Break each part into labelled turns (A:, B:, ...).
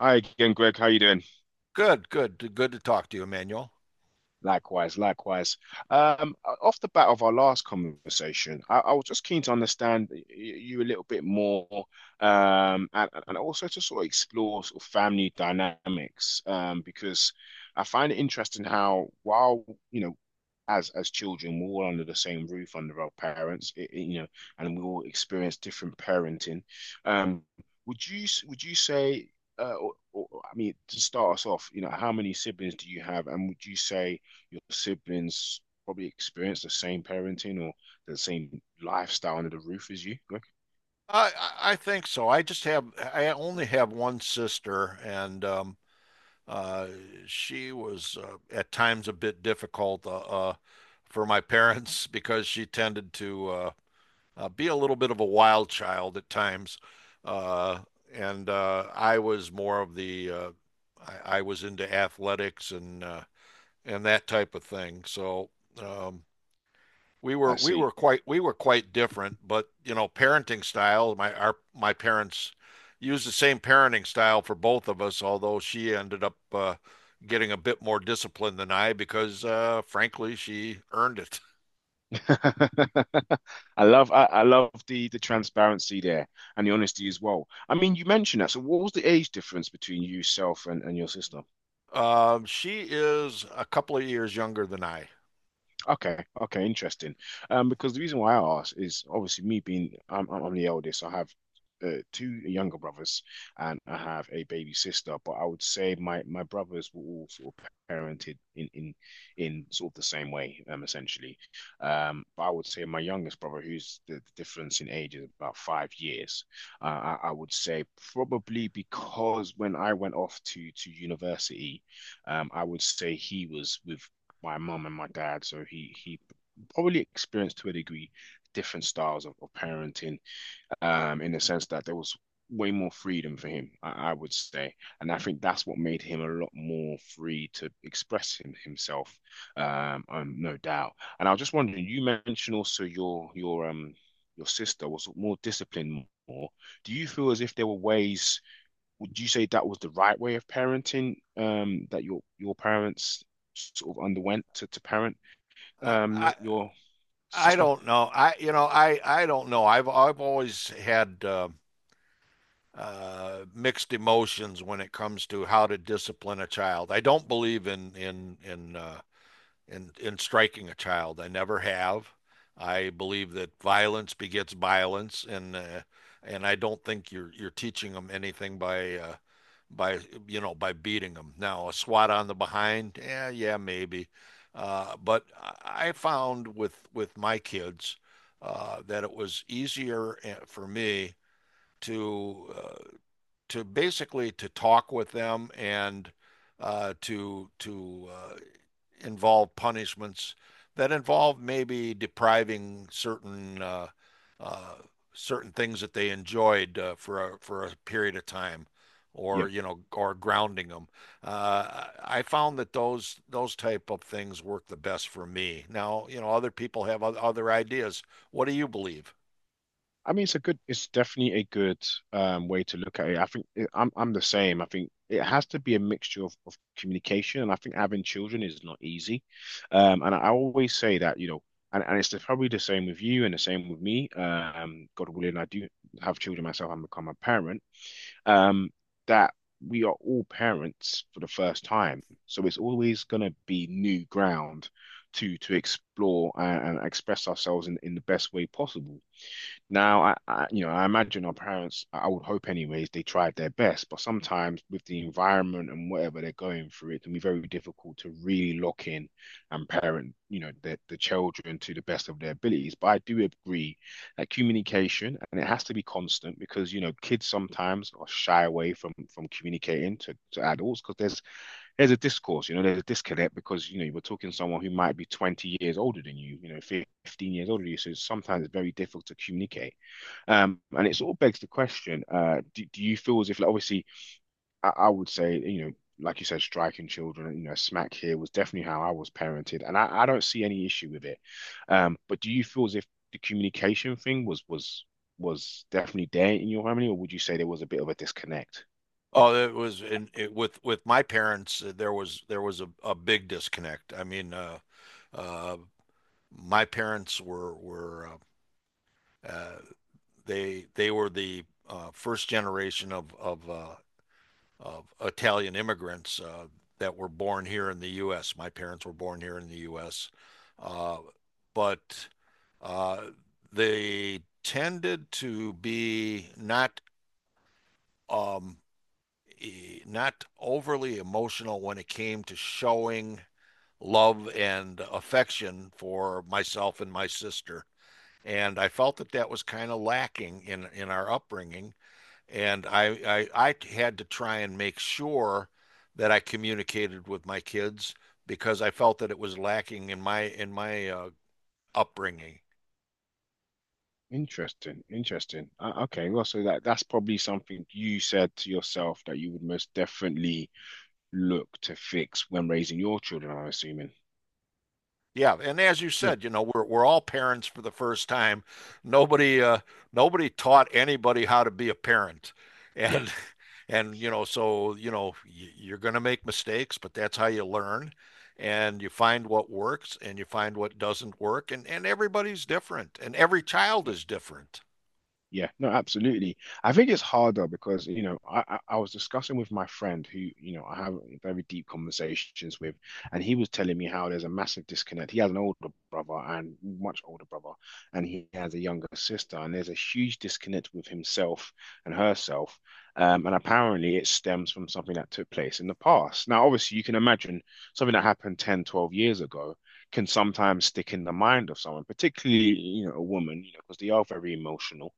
A: Hi again, Greg. How you doing?
B: Good, good, good to talk to you, Emmanuel.
A: Likewise, likewise. Um, Off the bat of our last conversation, I was just keen to understand you a little bit more, and also to sort of explore sort of family dynamics, because I find it interesting how while you know, as children, we're all under the same roof under our parents, and we all experience different parenting. Um, would you say? I mean, to start us off, you know, how many siblings do you have, and would you say your siblings probably experience the same parenting or the same lifestyle under the roof as you?
B: I think so. I only have one sister, and uh, she was at times a bit difficult uh, for my parents because she tended to be a little bit of a wild child at times, uh, and I was more of the I was into athletics and that type of thing. So um, we were
A: I
B: we were
A: see.
B: quite we were quite different, but you know, parenting style, my parents used the same parenting style for both of us, although she ended up getting a bit more discipline than I because frankly, she earned it.
A: I love the transparency there and the honesty as well. I mean, you mentioned that. So what was the age difference between yourself and your sister?
B: She is a couple of years younger than I.
A: Okay, okay, interesting. Because the reason why I ask is obviously me being I'm the eldest. I have two younger brothers, and I have a baby sister. But I would say my brothers were all sort of parented in in sort of the same way, essentially. But I would say my youngest brother, the difference in age is about 5 years. Uh, I would say probably because when I went off to university, I would say he was with my mum and my dad, so he probably experienced, to a degree, different styles of parenting, in the sense that there was way more freedom for him, I would say, and I think that's what made him a lot more free to express himself, no doubt. And I was just wondering, you mentioned also your sister was more. Do you feel as if there were ways, would you say that was the right way of parenting, that your parents sort of underwent to parent,
B: I, I
A: your
B: I
A: sister?
B: don't know. I I don't know. I've always had mixed emotions when it comes to how to discipline a child. I don't believe in striking a child. I never have. I believe that violence begets violence, and I don't think you're teaching them anything by you know by beating them. Now a swat on the behind, yeah, yeah, maybe, but I found with my kids that it was easier for me to uh, to basically to talk with them and to involve punishments that involve maybe depriving certain uh, certain things that they enjoyed for a period of time,
A: Yeah.
B: or you know, or grounding them. I found that those type of things work the best for me. Now, you know, other people have other ideas. What do you believe?
A: I mean, it's a good, it's definitely a good, way to look at it. I think it, I'm the same. I think it has to be a mixture of communication, and I think having children is not easy. And I always say that, and it's the, probably the same with you and the same with me. God willing, I do have children myself and become a parent, um, that we are all parents for the first time. So it's always going to be new ground to explore and express ourselves in the best way possible. Now, I, you know, I imagine our parents, I would hope anyways, they tried their best, but sometimes with the environment and whatever they're going through, it can be very difficult to really lock in and parent, you know, the children to the best of their abilities. But I do agree that communication, and it has to be constant because, you know, kids sometimes are shy away from communicating to adults because there's a discourse, you know, there's a disconnect because, you know, you're talking to someone who might be 20 years older than you, you know, 15 years older than you. So sometimes it's very difficult to communicate. And it sort of begs the question, do you feel as if, like, obviously, I would say, you know, like you said, striking children, you know, smack here was definitely how I was parented, and I don't see any issue with it. But do you feel as if the communication thing was definitely there in your family, or would you say there was a bit of a disconnect?
B: Oh, it was in it, with my parents. There was a big disconnect. I mean, uh, my parents were uh, uh, they were the first generation of Italian immigrants that were born here in the U.S. My parents were born here in the U.S., uh, but uh, they tended to be not um, not overly emotional when it came to showing love and affection for myself and my sister. And I felt that that was kind of lacking in our upbringing. And I had to try and make sure that I communicated with my kids because I felt that it was lacking in my upbringing.
A: Interesting, interesting. Okay, well, so that that's probably something you said to yourself that you would most definitely look to fix when raising your children, I'm assuming.
B: Yeah, and as you
A: Yeah.
B: said, you know, we're all parents for the first time. Nobody uh, Nobody taught anybody how to be a parent,
A: Yeah.
B: and and you know, so you know, you're going to make mistakes, but that's how you learn, and you find what works and you find what doesn't work, and everybody's different, and every child is different.
A: Yeah, no, absolutely. I think it's harder because, you know, I was discussing with my friend who, you know, I have very deep conversations with, and he was telling me how there's a massive disconnect. He has an older brother, and much older brother, and he has a younger sister, and there's a huge disconnect with himself and herself. And apparently it stems from something that took place in the past. Now, obviously, you can imagine something that happened 10, 12 years ago can sometimes stick in the mind of someone, particularly, you know, a woman, you know, because they are very emotional,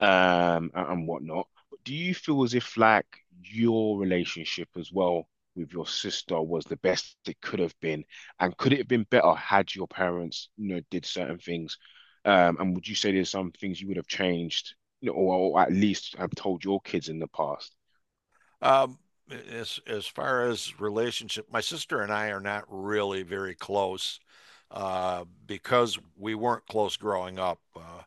A: and whatnot. But do you feel as if, like, your relationship as well with your sister was the best it could have been, and could it have been better had your parents, you know, did certain things? And would you say there's some things you would have changed, you know, or at least have told your kids in the past?
B: Um, as far as relationship, my sister and I are not really very close because we weren't close growing up.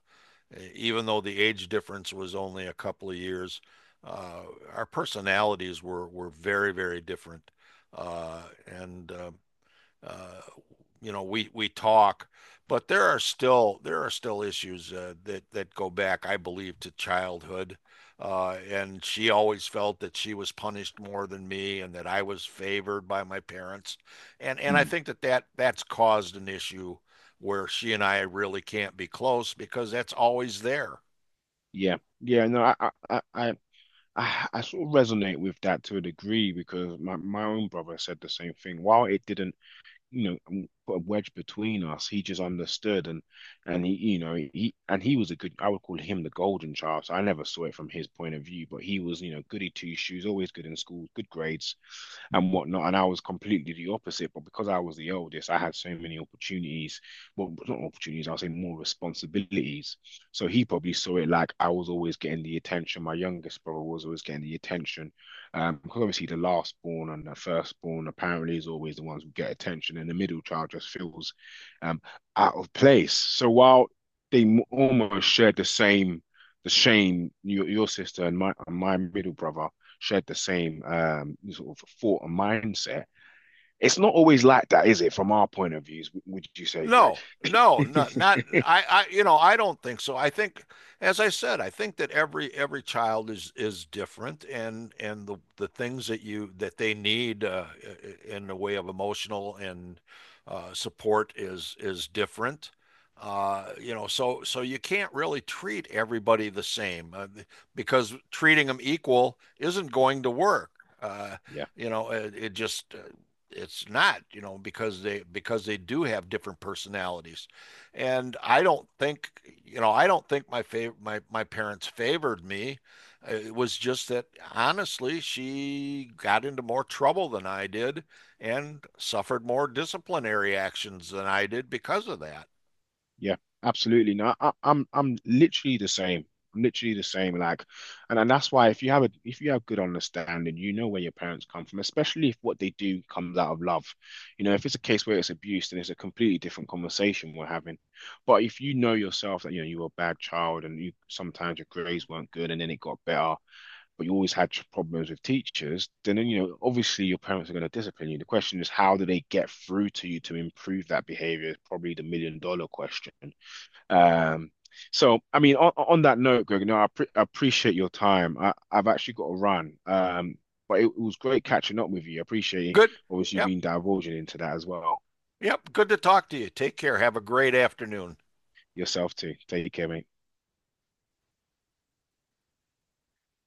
B: Even though the age difference was only a couple of years, uh, our personalities were very, very different. Uh, and uh, you know, we talk, but there are still issues that that go back, I believe, to childhood. And she always felt that she was punished more than me, and that I was favored by my parents. And I
A: Mm.
B: think that's caused an issue where she and I really can't be close because that's always there.
A: Yeah, no, I sort of resonate with that to a degree because my own brother said the same thing. While it didn't, you know, put a wedge between us. He just understood, and he you know he and he was a good— I would call him the golden child. So I never saw it from his point of view, but he was, you know, goody two shoes, always good in school, good grades and whatnot. And I was completely the opposite, but because I was the oldest, I had so many opportunities. Well, not opportunities, I'll say more responsibilities. So he probably saw it like I was always getting the attention. My youngest brother was always getting the attention. Because obviously the last born and the first born apparently is always the ones who get attention, and the middle child just feels, um, out of place. So while they almost shared the same, the shame, your sister and my middle brother shared the same, sort of thought and mindset. It's not always like that, is it? From our point of views, would you say, Greg?
B: No, no, not not I, I you know, I don't think so. I think, as I said, I think that every child is different and the things that they need in the way of emotional and support is different. You know, so so you can't really treat everybody the same because treating them equal isn't going to work. Uh,
A: Yeah,
B: you know, it just it's not you know because they do have different personalities, and I don't think I don't think my my parents favored me. It was just that honestly she got into more trouble than I did and suffered more disciplinary actions than I did because of that.
A: yeah, absolutely. No, I'm literally the same. I'm literally the same. Like, and that's why if you have a— if you have good understanding, you know where your parents come from, especially if what they do comes out of love. You know, if it's a case where it's abuse, then it's a completely different conversation we're having. But if you know yourself that you know you were a bad child and you sometimes your grades weren't good and then it got better, but you always had problems with teachers, then, you know, obviously your parents are going to discipline you. The question is, how do they get through to you to improve that behavior is probably the million-dollar question. Um, so I mean, on that note, Greg, no, I, pre I appreciate your time. I've actually got to run, but it was great catching up with you. I appreciate
B: Good.
A: obviously you
B: Yep.
A: being divulging into that as well.
B: Yep, good to talk to you. Take care. Have a great afternoon.
A: Yourself too. Take care, mate.